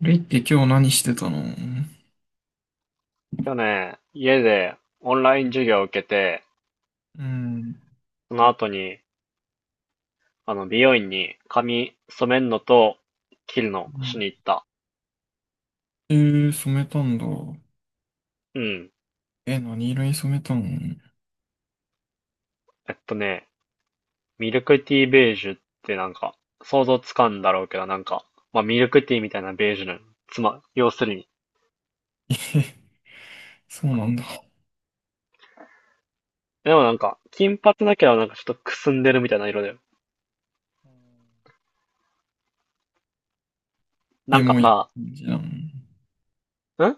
レイって今日何してたの？去年、家でオンライン授業を受けて、うん。その後に、美容院に髪染めるのと切るのうしにん。行った。染めたんだ。うん。え、何色に染めたの？えっとね、ミルクティーベージュってなんか、想像つかんだろうけど、なんか、まあ、ミルクティーみたいなベージュの、要するに。え、そうなんだ。でもなんか、金髪だけどなんかちょっとくすんでるみたいな色だよ。なエんかモいさ、感じなの？ん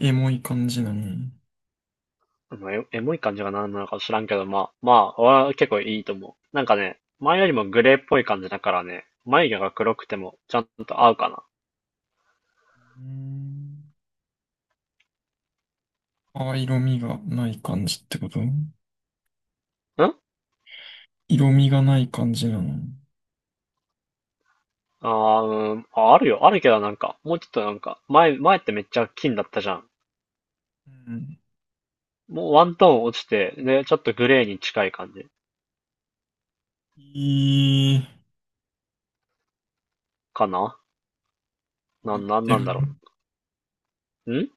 エモい感じなの？まあの、エモい感じが何なのか知らんけど、まあ、俺は結構いいと思う。なんかね、前よりもグレーっぽい感じだからね、眉毛が黒くてもちゃんと合うかうん。あ、色味がない感じってこと？な。色味がない感じなの？うん、あるよ、あるけどなんか、もうちょっとなんか、前ってめっちゃ金だったじゃん。うん。もうワントーン落ちて、で、ちょっとグレーに近い感じいい、かな。似なんてなる。んだろう。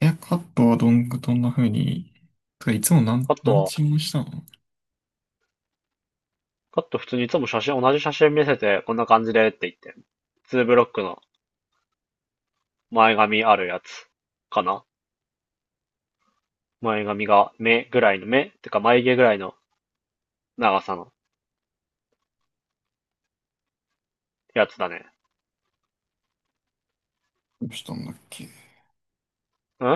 え、カットはどんな風に、てかいつもなん、カット何は、チームしたの？カット普通にいつも写真、同じ写真見せて、こんな感じでって言って、ツーブロックの前髪あるやつかな。前髪が目ぐらいの目てか眉毛ぐらいの長さのやつだね。どうしたんだっけ？ん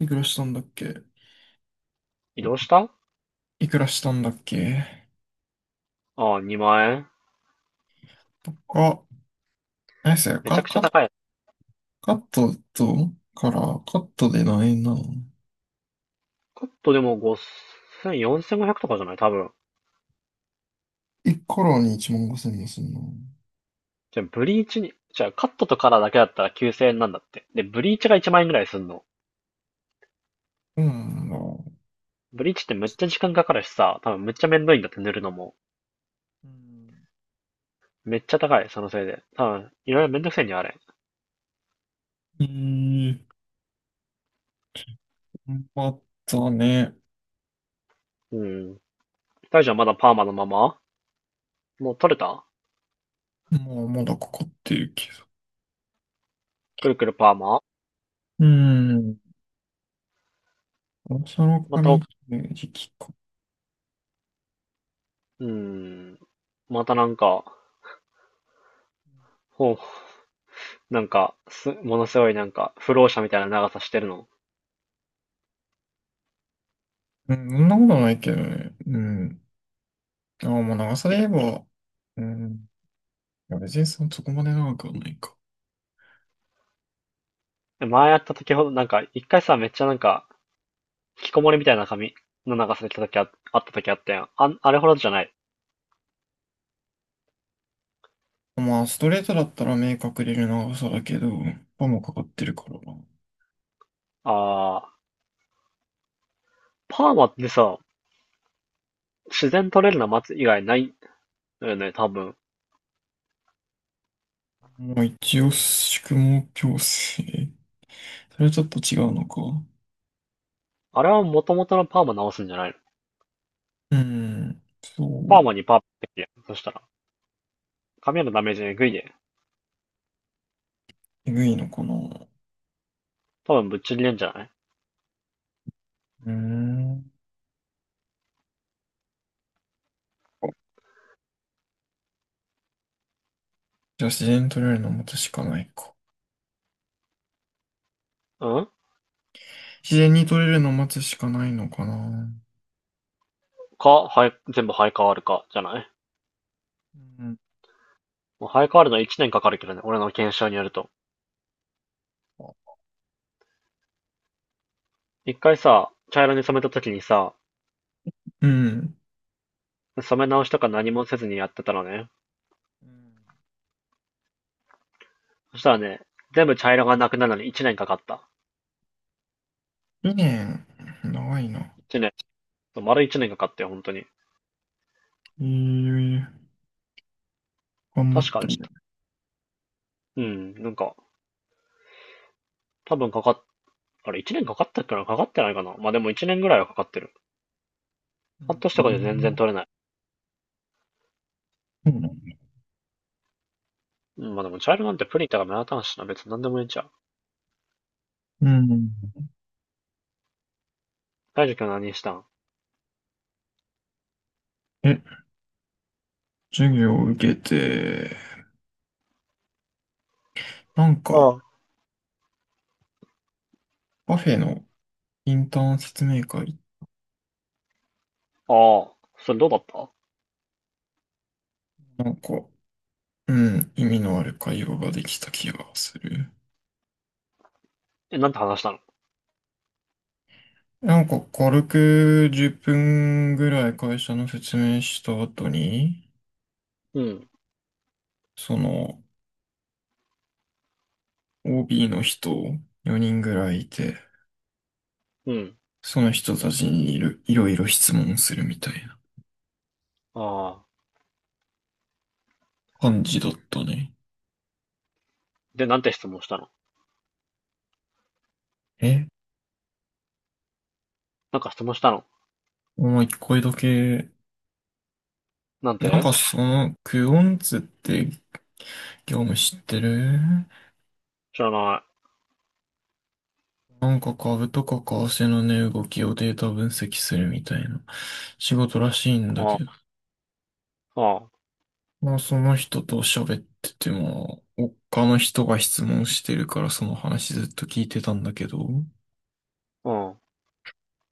いくらしたんだっけ？移動した。いくらしたんだっけ？ああ、2万円。とか、何ですよ、めちゃくちゃ高い。カットと、から、カットで何円なの カットでも5千0 0 4500とかじゃない多分。?1 カラーに1万5千もすんの。じゃあ、カットとカラーだけだったら9千円なんだって。で、ブリーチが1万円ぐらいすんの。そうなんだ。ブリーチってめっちゃ時間かかるしさ、多分めっちゃめんどいんだって塗るのも。うん。めっちゃ高い、そのせいで。多分、いろいろめんどくせえにあれ。うーん、頑張ったね。うん。大丈夫。まだパーマのまま。もう取れた。もうまだかかってるけど。くるくるパーマ。うーん、そのまた、髪う切る時期か。ーん。またなんか、ほう、なんか、ものすごいなんか、不老者みたいな長さしてるの。うん、そんなことないけどね。うん。ああ、もう長さで言いえば、うん。いや、別にそこまで長くはないか。や、前やった時ほど、なんか、一回さ、めっちゃなんか、引きこもりみたいな髪の長さで来た時あった時あったやん。あれほどじゃない。まあ、ストレートだったら明確でる長さだけど、パンもかかってるから。あー、パーマってさ、自然取れるの待つ以外ないのよね、多分。まあ、一応、宿毛矯正。それはちょっと違うのか。あれは元々のパーマ直すんじゃないの？うん、そパーマう、にパーマってやん。そしたら、髪へのダメージえぐいで。えぐいのかな。う多分ぶっちぎれんじゃない？ーん。じゃあ、自然に取れるのを待つしかないか。うん。自然に取れるのを待つしかないのかな。か、はい、全部生え変わるか、じゃない？うん。もう生え変わるの1年かかるけどね、俺の検証によると。一回さ、茶色に染めたときにさ、うん。染め直しとか何もせずにやってたらね、そしたらね、全部茶色がなくなるのに一年かかった。2年、長いな。一年。丸一年かかったよ、本当に。ええ、頑張確っかたね。ね。うん、なんか、多分かかっ、あれ一年かかったっけな、かかってないかな、まあでも一年ぐらいはかかってる。半年うとかで全然ん。取れない。そうなんだ。うん、まあでも茶色なんてプリンとか目立たんしな、別に何でもいいんちゃう。うん。大樹君は何したん？え、授業を受けて、なんあか、ああカフェのインターン説明会、あ、それどうだった？なんか、うん、意味のある会話ができた気がする。え、なんて話したの？なんか、軽く10分ぐらい会社の説明した後に、うん、その、OB の人4人ぐらいいて、うん、その人たちにいろいろ質問するみたいなああ。感じだったね。で、なんて質問したの？え、なんか質問したの？お前一回だけ、なんなんて？かその、クオンツって業務知ってる？知らない。なんか株とか為替の値動きをデータ分析するみたいな仕事らしいんだけあ、ど、あ、まあその人と喋ってても、他の人が質問してるからその話ずっと聞いてたんだけど、うん。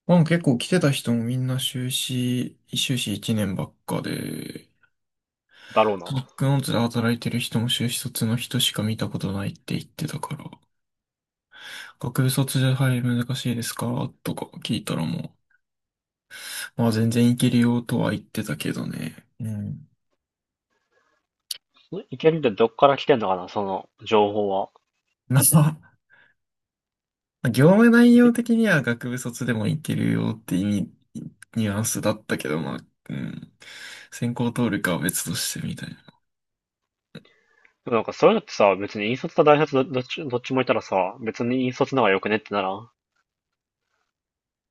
まあ結構来てた人もみんな修士1年ばっかで、だろうな。バックノーツで働いてる人も修士卒の人しか見たことないって言ってたから、学部卒で入り難しいですかとか聞いたらもう、まあ全然いけるよとは言ってたけどね。うん。 いけるってどっから来てんのかな、その情報は。まあ、業務内容ん的には学部卒でもいけるよって意味、ニュアンスだったけど、まあ、うん。専攻通るかは別としてみたいな。でもなんかそういうのってさ、別に引率と大卒どっちもいたらさ、別に引率の方が良くねってならん？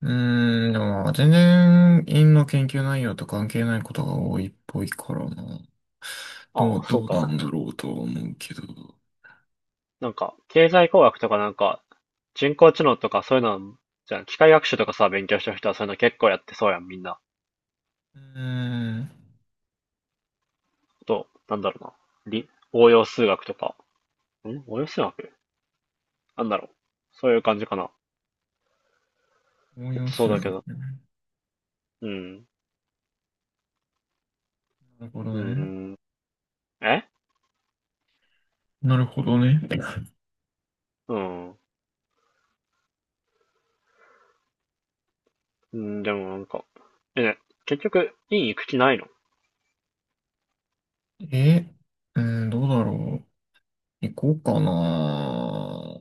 うーん、でも、全然、院の研究内容と関係ないことが多いっぽいからな。どああ、う、そうどうなんか。だろうとは思うけど。なんか、経済工学とかなんか、人工知能とかそういうの、じゃあ機械学習とかさ、勉強してる人はそういうの結構やってそうやん、みんな。うーん、あと、なんだろうな。応用数学とか。応用数学。なんだろう。そういう感じかな。応用そう数だ学けど。ね。うん。なるほうどーね。ん。えなるほどね。うん。うん、でもなんか、え、結局、院行く気ないの？え、うーん、どうだろう。行こうかな。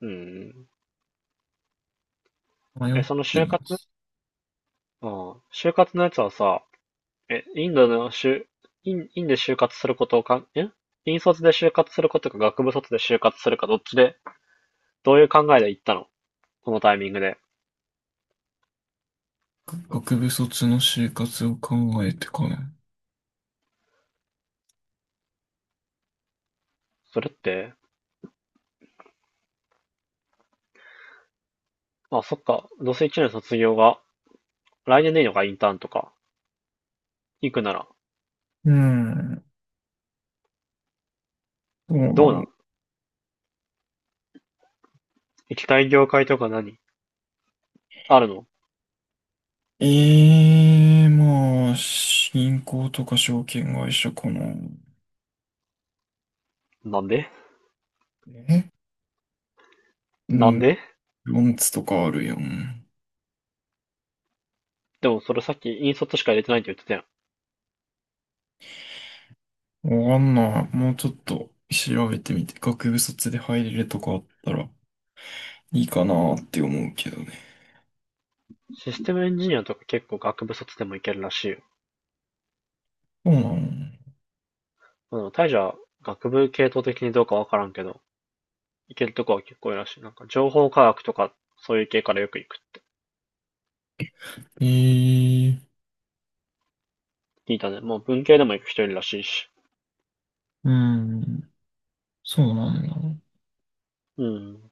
うん。迷え、っそのて就ま活す。ああ、就活のやつはさ、え、インドの就、院で就活することをかん、え院卒で就活することか学部卒で就活するかどっちで、どういう考えで行ったの、このタイミングで？学部卒の就活を考えてかな。それって、あ、そっか、どうせ一年卒業が、来年でいいのか？インターンとか、行くなら、うん。そうなどうんなだ。ん？行きたい業界とか何あるの？ええーまあ、銀行とか証券会社かな。なんで？え。うなんん。で？ロンツとかあるやん。でもそれさっき引卒しか入れてないって言ってたやん。わかんない。もうちょっと調べてみて、学部卒で入れるとかあったらいいかなって思うけどね。システムエンジニアとか結構学部卒でもいけるらしいよ。そうなの。まあでも大樹は学部系統的にどうかわからんけど、いけるとこは結構いるらしい。なんか情報科学とかそういう系からよく行く。ええ、聞いたね。もう文系でも行く人いるらしいし。うん。そうなんだ。うん。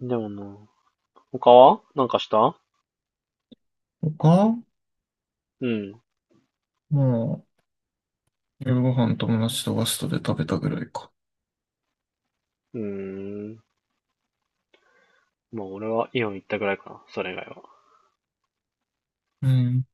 でもな、他はなんかした？他。うん。まあ、夜ご飯友達とガストで食べたぐらいか。うーん。まあ俺はイオン行ったぐらいかな。それ以外は。うん。